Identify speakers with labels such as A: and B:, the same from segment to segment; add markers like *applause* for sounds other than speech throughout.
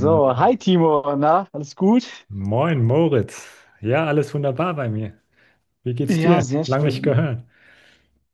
A: So, hi Timo, na, alles gut?
B: Moin, Moritz. Ja, alles wunderbar bei mir. Wie geht's
A: Ja,
B: dir?
A: sehr
B: Lang nicht
A: schön.
B: gehört.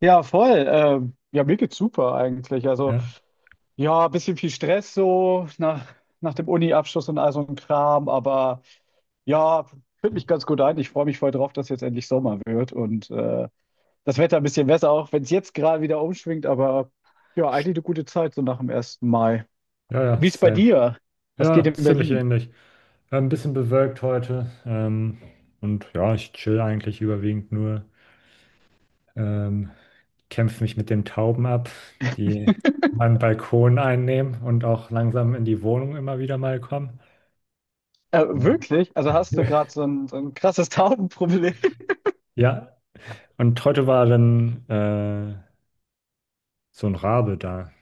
A: Ja, voll. Ja, mir geht's super eigentlich. Also,
B: Ja,
A: ja, ein bisschen viel Stress so nach dem Uni-Abschluss und all so ein Kram, aber ja, fühlt mich ganz gut ein. Ich freue mich voll drauf, dass jetzt endlich Sommer wird und das Wetter ein bisschen besser, auch wenn es jetzt gerade wieder umschwingt, aber ja,
B: Sch-
A: eigentlich eine gute Zeit so nach dem ersten Mai.
B: ja, ja,
A: Wie ist bei
B: same.
A: dir? Was geht
B: Ja,
A: in
B: ziemlich
A: Berlin?
B: ähnlich. Ein bisschen bewölkt heute. Und ja, ich chill eigentlich überwiegend nur. Ähm, kämpfe mich mit den Tauben ab, die meinen Balkon einnehmen und auch langsam in die Wohnung immer wieder mal kommen. Ja,
A: Wirklich? Also hast du gerade so ein krasses Taubenproblem? *laughs*
B: ja, und heute war dann so ein Rabe da.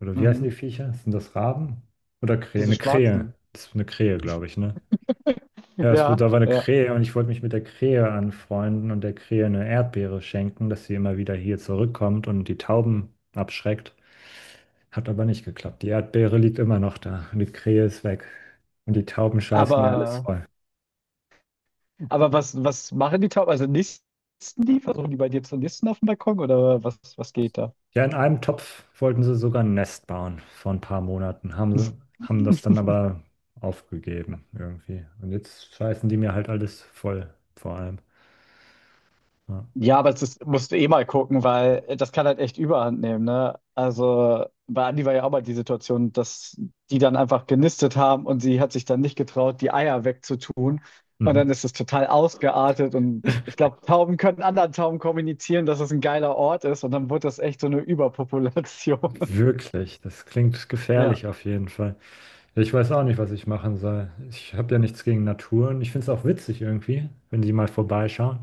B: Oder wie heißen die
A: Mhm.
B: Viecher? Sind das Raben? Oder Krähe?
A: Diese
B: Eine Krähe.
A: schwarzen.
B: Das ist eine Krähe, glaube ich, ne?
A: *laughs*
B: Ja, da
A: Ja,
B: war eine
A: ja.
B: Krähe und ich wollte mich mit der Krähe anfreunden und der Krähe eine Erdbeere schenken, dass sie immer wieder hier zurückkommt und die Tauben abschreckt. Hat aber nicht geklappt. Die Erdbeere liegt immer noch da und die Krähe ist weg. Und die Tauben scheißen mir alles
A: Aber,
B: voll.
A: aber was machen die Tauben? Also nisten die? Versuchen die bei dir zu nisten auf dem Balkon oder was geht da?
B: Ja, in einem Topf wollten sie sogar ein Nest bauen vor ein paar Monaten. Haben das dann
A: *laughs*
B: aber aufgegeben irgendwie. Und jetzt scheißen die mir halt alles voll, vor allem. Ja.
A: Ja, aber das musst du eh mal gucken, weil das kann halt echt Überhand nehmen, ne? Also bei Andi war ja auch mal die Situation, dass die dann einfach genistet haben und sie hat sich dann nicht getraut, die Eier wegzutun. Und dann
B: Mhm.
A: ist es total ausgeartet und ich
B: *laughs*
A: glaube, Tauben können anderen Tauben kommunizieren, dass es ein geiler Ort ist und dann wird das echt so eine Überpopulation.
B: Wirklich, das klingt
A: *laughs* Ja.
B: gefährlich auf jeden Fall. Ich weiß auch nicht, was ich machen soll. Ich habe ja nichts gegen Natur und ich finde es auch witzig irgendwie, wenn die mal vorbeischauen.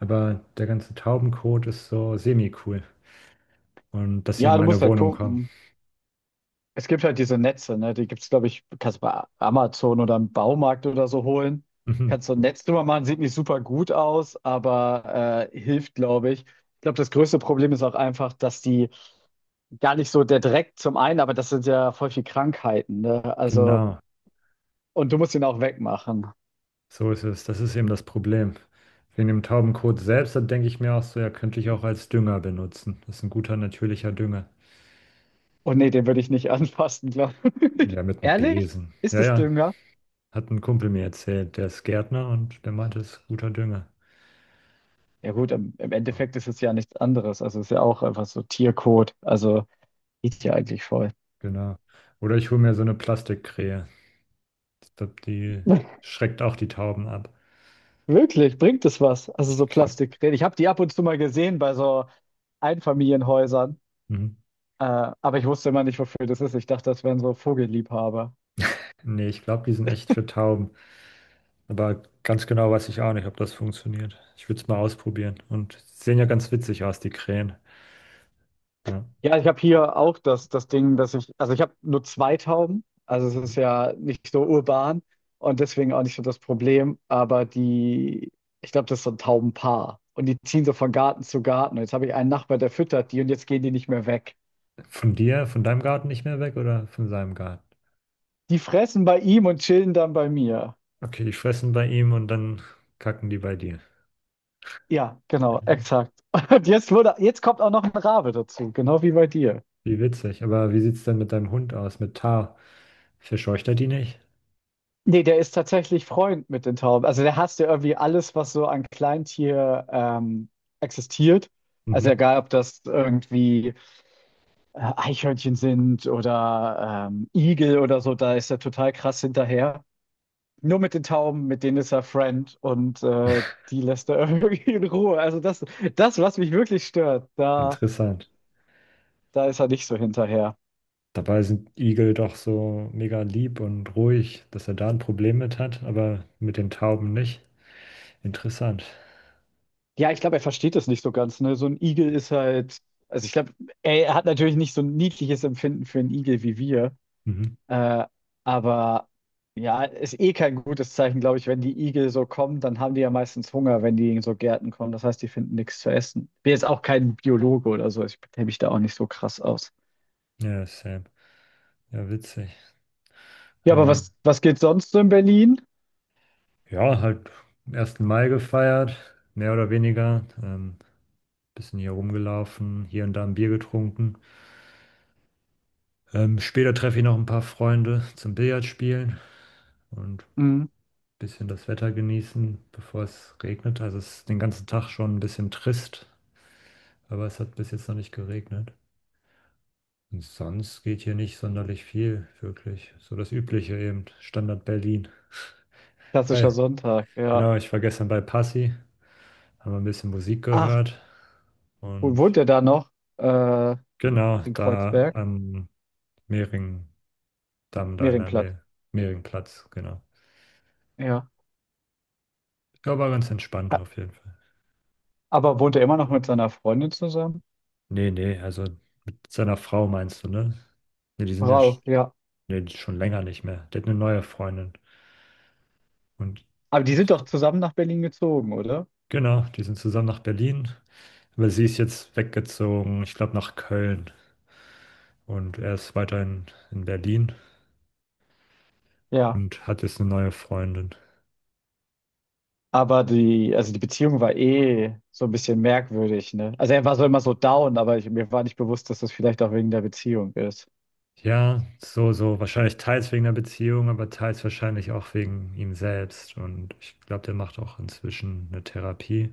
B: Aber der ganze Taubenkot ist so semi-cool. Und dass sie in
A: Ja, du
B: meine
A: musst halt
B: Wohnung kommen.
A: gucken. Es gibt halt diese Netze, ne? Die gibt's, glaube ich, kannst du bei Amazon oder im Baumarkt oder so holen.
B: Mhm.
A: Kannst so ein Netz drüber machen, sieht nicht super gut aus, aber hilft, glaube ich. Ich glaube, das größte Problem ist auch einfach, dass die gar nicht so der Dreck zum einen, aber das sind ja voll viel Krankheiten, ne? Also,
B: Genau,
A: und du musst ihn auch wegmachen.
B: so ist es. Das ist eben das Problem. Wegen dem Taubenkot selbst, da denke ich mir auch so, ja, könnte ich auch als Dünger benutzen. Das ist ein guter, natürlicher Dünger.
A: Und nee, den würde ich nicht *laughs* anfassen, glaube
B: Ja,
A: ich.
B: mit
A: *laughs*
B: einem
A: Ehrlich?
B: Besen.
A: Ist
B: Ja,
A: das
B: ja,
A: Dünger?
B: hat ein Kumpel mir erzählt, der ist Gärtner und der meinte, es ist guter Dünger.
A: Ja gut, im
B: Ja,
A: Endeffekt ist es ja nichts anderes. Also es ist ja auch einfach so Tierkot. Also geht ja eigentlich voll.
B: genau. Oder ich hole mir so eine Plastikkrähe. Ich glaube, die
A: *laughs*
B: schreckt auch die Tauben ab.
A: Wirklich, bringt es was? Also
B: Ich
A: so
B: glaube,
A: Plastikräder. Ich habe die ab und zu mal gesehen bei so Einfamilienhäusern, aber ich wusste immer nicht, wofür das ist. Ich dachte, das wären so Vogelliebhaber.
B: nee, ich glaube, die sind echt für Tauben. Aber ganz genau weiß ich auch nicht, ob das funktioniert. Ich würde es mal ausprobieren. Und sie sehen ja ganz witzig aus, die Krähen. Ja.
A: Ja, ich habe hier auch das Ding, dass ich, also ich habe nur zwei Tauben, also es
B: Mhm.
A: ist ja nicht so urban und deswegen auch nicht so das Problem, aber die, ich glaube, das ist so ein Taubenpaar und die ziehen so von Garten zu Garten. Und jetzt habe ich einen Nachbar, der füttert die und jetzt gehen die nicht mehr weg.
B: Von dir, von deinem Garten nicht mehr weg oder von seinem Garten?
A: Die fressen bei ihm und chillen dann bei mir.
B: Okay, die fressen bei ihm und dann kacken die bei dir.
A: Ja, genau, exakt. *laughs* Und jetzt wurde, jetzt kommt auch noch ein Rabe dazu, genau wie bei dir.
B: Wie witzig. Aber wie sieht es denn mit deinem Hund aus, mit Tar? Verscheucht er die nicht?
A: Nee, der ist tatsächlich Freund mit den Tauben. Also der hasst ja irgendwie alles, was so an Kleintier existiert. Also
B: Mhm.
A: egal, ob das irgendwie Eichhörnchen sind oder Igel oder so, da ist er total krass hinterher. Nur mit den Tauben, mit denen ist er Friend und die lässt er *laughs* irgendwie in Ruhe. Also das, das, was mich wirklich stört, da,
B: Interessant.
A: da ist er nicht so hinterher.
B: Dabei sind Igel doch so mega lieb und ruhig, dass er da ein Problem mit hat, aber mit den Tauben nicht. Interessant.
A: Ja, ich glaube, er versteht das nicht so ganz, ne? So ein Igel ist halt, also ich glaube, er hat natürlich nicht so ein niedliches Empfinden für einen Igel wie wir,
B: Mhm.
A: äh, aber ja, ist eh kein gutes Zeichen, glaube ich, wenn die Igel so kommen, dann haben die ja meistens Hunger, wenn die in so Gärten kommen. Das heißt, die finden nichts zu essen. Bin jetzt auch kein Biologe oder so, ich kenne mich da auch nicht so krass aus.
B: Ja, Sam. Ja, witzig.
A: Ja, aber
B: Ähm,
A: was geht sonst so in Berlin?
B: ja, halt 1. Mai gefeiert, mehr oder weniger. Bisschen hier rumgelaufen, hier und da ein Bier getrunken. Später treffe ich noch ein paar Freunde zum Billard spielen und
A: Mhm.
B: bisschen das Wetter genießen, bevor es regnet. Also es ist den ganzen Tag schon ein bisschen trist, aber es hat bis jetzt noch nicht geregnet. Und sonst geht hier nicht sonderlich viel, wirklich. So das Übliche eben, Standard Berlin.
A: Klassischer
B: Hi,
A: Sonntag, ja.
B: genau, ich war gestern bei Passi, haben ein bisschen Musik
A: Ach,
B: gehört
A: wo
B: und
A: wohnt ihr da noch? Äh,
B: genau,
A: in
B: da
A: Kreuzberg?
B: am Mehringdamm, da in der
A: Mehringplatz,
B: Nähe, Mehringplatz, genau.
A: ja.
B: Ich glaube, war ganz entspannt auf jeden Fall.
A: Aber wohnt er immer noch mit seiner Freundin zusammen?
B: Nee, nee, also mit seiner Frau meinst du, ne? Ne, die sind ja.
A: Frau, ja.
B: Nee, schon länger nicht mehr. Der hat eine neue Freundin. Und
A: Aber die sind doch
B: ich,
A: zusammen nach Berlin gezogen, oder?
B: genau, die sind zusammen nach Berlin. Aber sie ist jetzt weggezogen, ich glaube, nach Köln. Und er ist weiterhin in Berlin
A: Ja.
B: und hat jetzt eine neue Freundin.
A: Aber die, also die Beziehung war eh so ein bisschen merkwürdig, ne? Also er war so immer so down, aber ich, mir war nicht bewusst, dass das vielleicht auch wegen der Beziehung ist.
B: Ja, so, so. Wahrscheinlich teils wegen der Beziehung, aber teils wahrscheinlich auch wegen ihm selbst. Und ich glaube, der macht auch inzwischen eine Therapie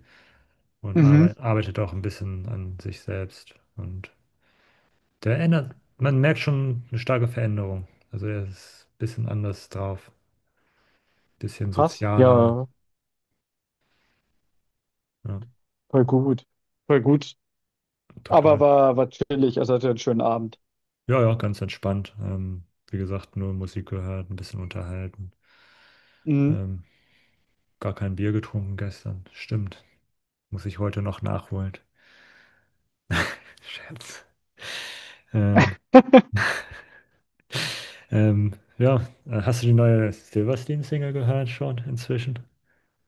B: und
A: Mhm.
B: arbeitet auch ein bisschen an sich selbst. Und Der ändert man merkt schon eine starke Veränderung. Also er ist ein bisschen anders drauf, bisschen
A: Krass.
B: sozialer.
A: Ja,
B: Ja,
A: voll gut. Voll gut. Aber
B: total.
A: war, war chillig, also hatte einen schönen Abend.
B: Ja, ja, ganz entspannt. Wie gesagt, nur Musik gehört, ein bisschen unterhalten.
A: Mhm.
B: Ähm, gar kein Bier getrunken gestern. Stimmt. Muss ich heute noch nachholen. *laughs* Scherz. Ähm,
A: *laughs*
B: ja, hast du die neue Silverstein-Single gehört schon inzwischen?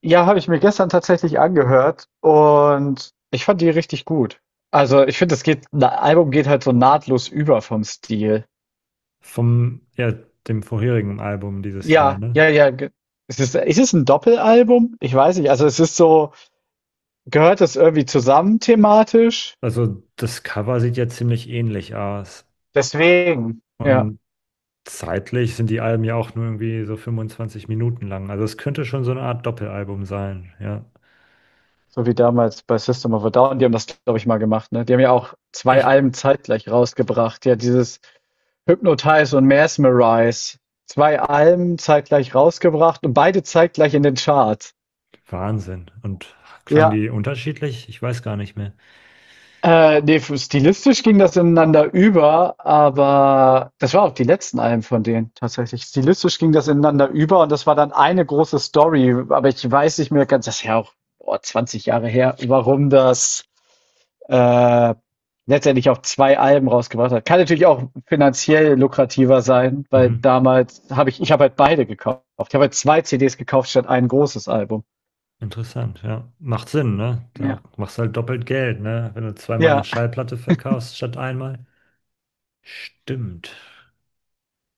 A: Ja, habe ich mir gestern tatsächlich angehört und ich fand die richtig gut. Also, ich finde, das geht 'n Album geht halt so nahtlos über vom Stil.
B: Ja, dem vorherigen Album dieses Jahr,
A: Ja,
B: ne?
A: ja, ja, ge es ist ist es 'n Doppelalbum? Ich weiß nicht. Also, es ist so gehört das irgendwie zusammen thematisch?
B: Also das Cover sieht ja ziemlich ähnlich aus.
A: Deswegen, ja.
B: Und zeitlich sind die Alben ja auch nur irgendwie so 25 Minuten lang. Also es könnte schon so eine Art Doppelalbum sein. Ja,
A: So wie damals bei System of a Down, die haben das, glaube ich, mal gemacht, ne? Die haben ja auch zwei
B: echt
A: Alben zeitgleich rausgebracht. Ja, dieses Hypnotize und Mesmerize. Zwei Alben zeitgleich rausgebracht und beide zeitgleich in den Charts.
B: Wahnsinn. Und klangen
A: Ja.
B: die unterschiedlich? Ich weiß gar nicht mehr.
A: Ne, f stilistisch ging das ineinander über, aber das war auch die letzten Alben von denen tatsächlich. Stilistisch ging das ineinander über und das war dann eine große Story, aber ich weiß nicht mehr ganz, das ist ja auch, boah, 20 Jahre her, warum das äh, letztendlich auch zwei Alben rausgebracht hat. Kann natürlich auch finanziell lukrativer sein, weil
B: Mhm.
A: damals habe ich, ich habe halt beide gekauft. Ich habe halt zwei CDs gekauft statt ein großes Album.
B: Interessant, ja. Macht Sinn, ne? Da
A: Ja.
B: machst du halt doppelt Geld, ne? Wenn du zweimal eine
A: Ja,
B: Schallplatte verkaufst statt einmal. Stimmt.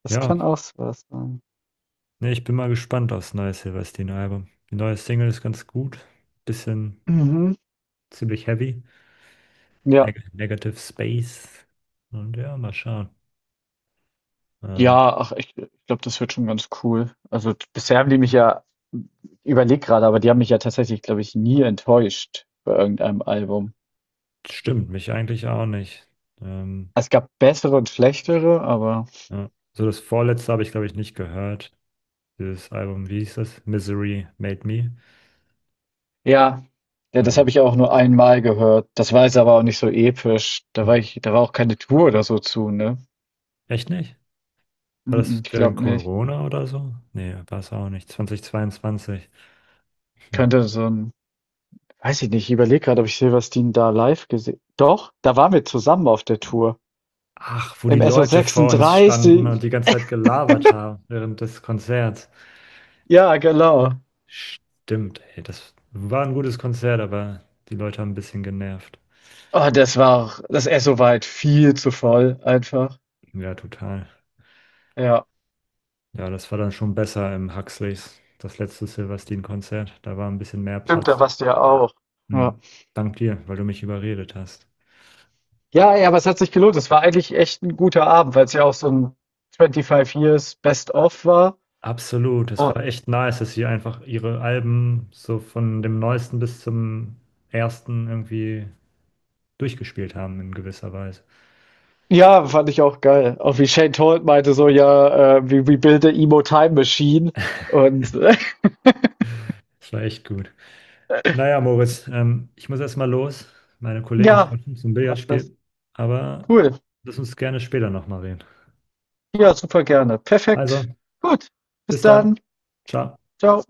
A: das
B: Ja,
A: kann auch so was sein.
B: ne, ich bin mal gespannt aufs neue Silverstein-Album. Die neue Single ist ganz gut. Bisschen
A: Mhm.
B: ziemlich heavy.
A: Ja.
B: Negative Space. Und ja, mal schauen. Ähm,
A: Ja, ach, ich glaube, das wird schon ganz cool. Also, d bisher haben die mich ja ich gerade, aber die haben mich ja tatsächlich, glaube ich, nie enttäuscht bei irgendeinem Album.
B: stimmt, mich eigentlich auch nicht. Ähm,
A: Es gab bessere und schlechtere, aber
B: ja. So das vorletzte habe ich, glaube ich, nicht gehört. Dieses Album, wie hieß das? Misery Made Me.
A: ja, ja, das habe
B: Aber
A: ich auch nur einmal gehört. Das war jetzt aber auch nicht so episch. Da war
B: hm,
A: ich da war auch keine Tour oder so zu, ne?
B: echt nicht? War
A: Mm,
B: das
A: ich
B: während
A: glaube nicht.
B: Corona oder so? Nee, war es auch nicht. 2022. Hm.
A: Könnte so ein, weiß ich nicht, ich überlege gerade, ob ich Silverstein da live gesehen. Doch, da waren wir zusammen auf der Tour
B: Ach, wo die
A: im
B: Leute vor uns standen
A: SO36.
B: und die ganze Zeit gelabert haben während des Konzerts.
A: Ja, genau.
B: Stimmt, ey, das war ein gutes Konzert, aber die Leute haben ein bisschen genervt.
A: Oh, das war auch das Esso war halt viel zu voll einfach.
B: Ja, total.
A: Ja.
B: Ja, das war dann schon besser im Huxleys, das letzte Silvestin-Konzert. Da war ein bisschen mehr
A: Stimmt, da
B: Platz.
A: warst du ja auch. Ja.
B: Hm. Dank dir, weil du mich überredet hast.
A: Ja, ey, aber es hat sich gelohnt. Es war eigentlich echt ein guter Abend, weil es ja auch so 'n 25 Years Best of war.
B: Absolut, es
A: Oh.
B: war echt nice, dass sie einfach ihre Alben so von dem neuesten bis zum ersten irgendwie durchgespielt haben in gewisser Weise.
A: Ja, fand ich auch geil. Auch wie Shane Told meinte so: „Ja, we build the emo time machine“ und *laughs*
B: Das war echt gut. Naja, Moritz, ich muss erstmal los, meine Kollegen
A: ja,
B: treffen zum
A: macht das.
B: Billardspiel, aber
A: Cool.
B: lass uns gerne später nochmal reden.
A: Ja, super gerne.
B: Also,
A: Perfekt. Gut. Bis
B: bis dann.
A: dann.
B: Ciao.
A: Ciao.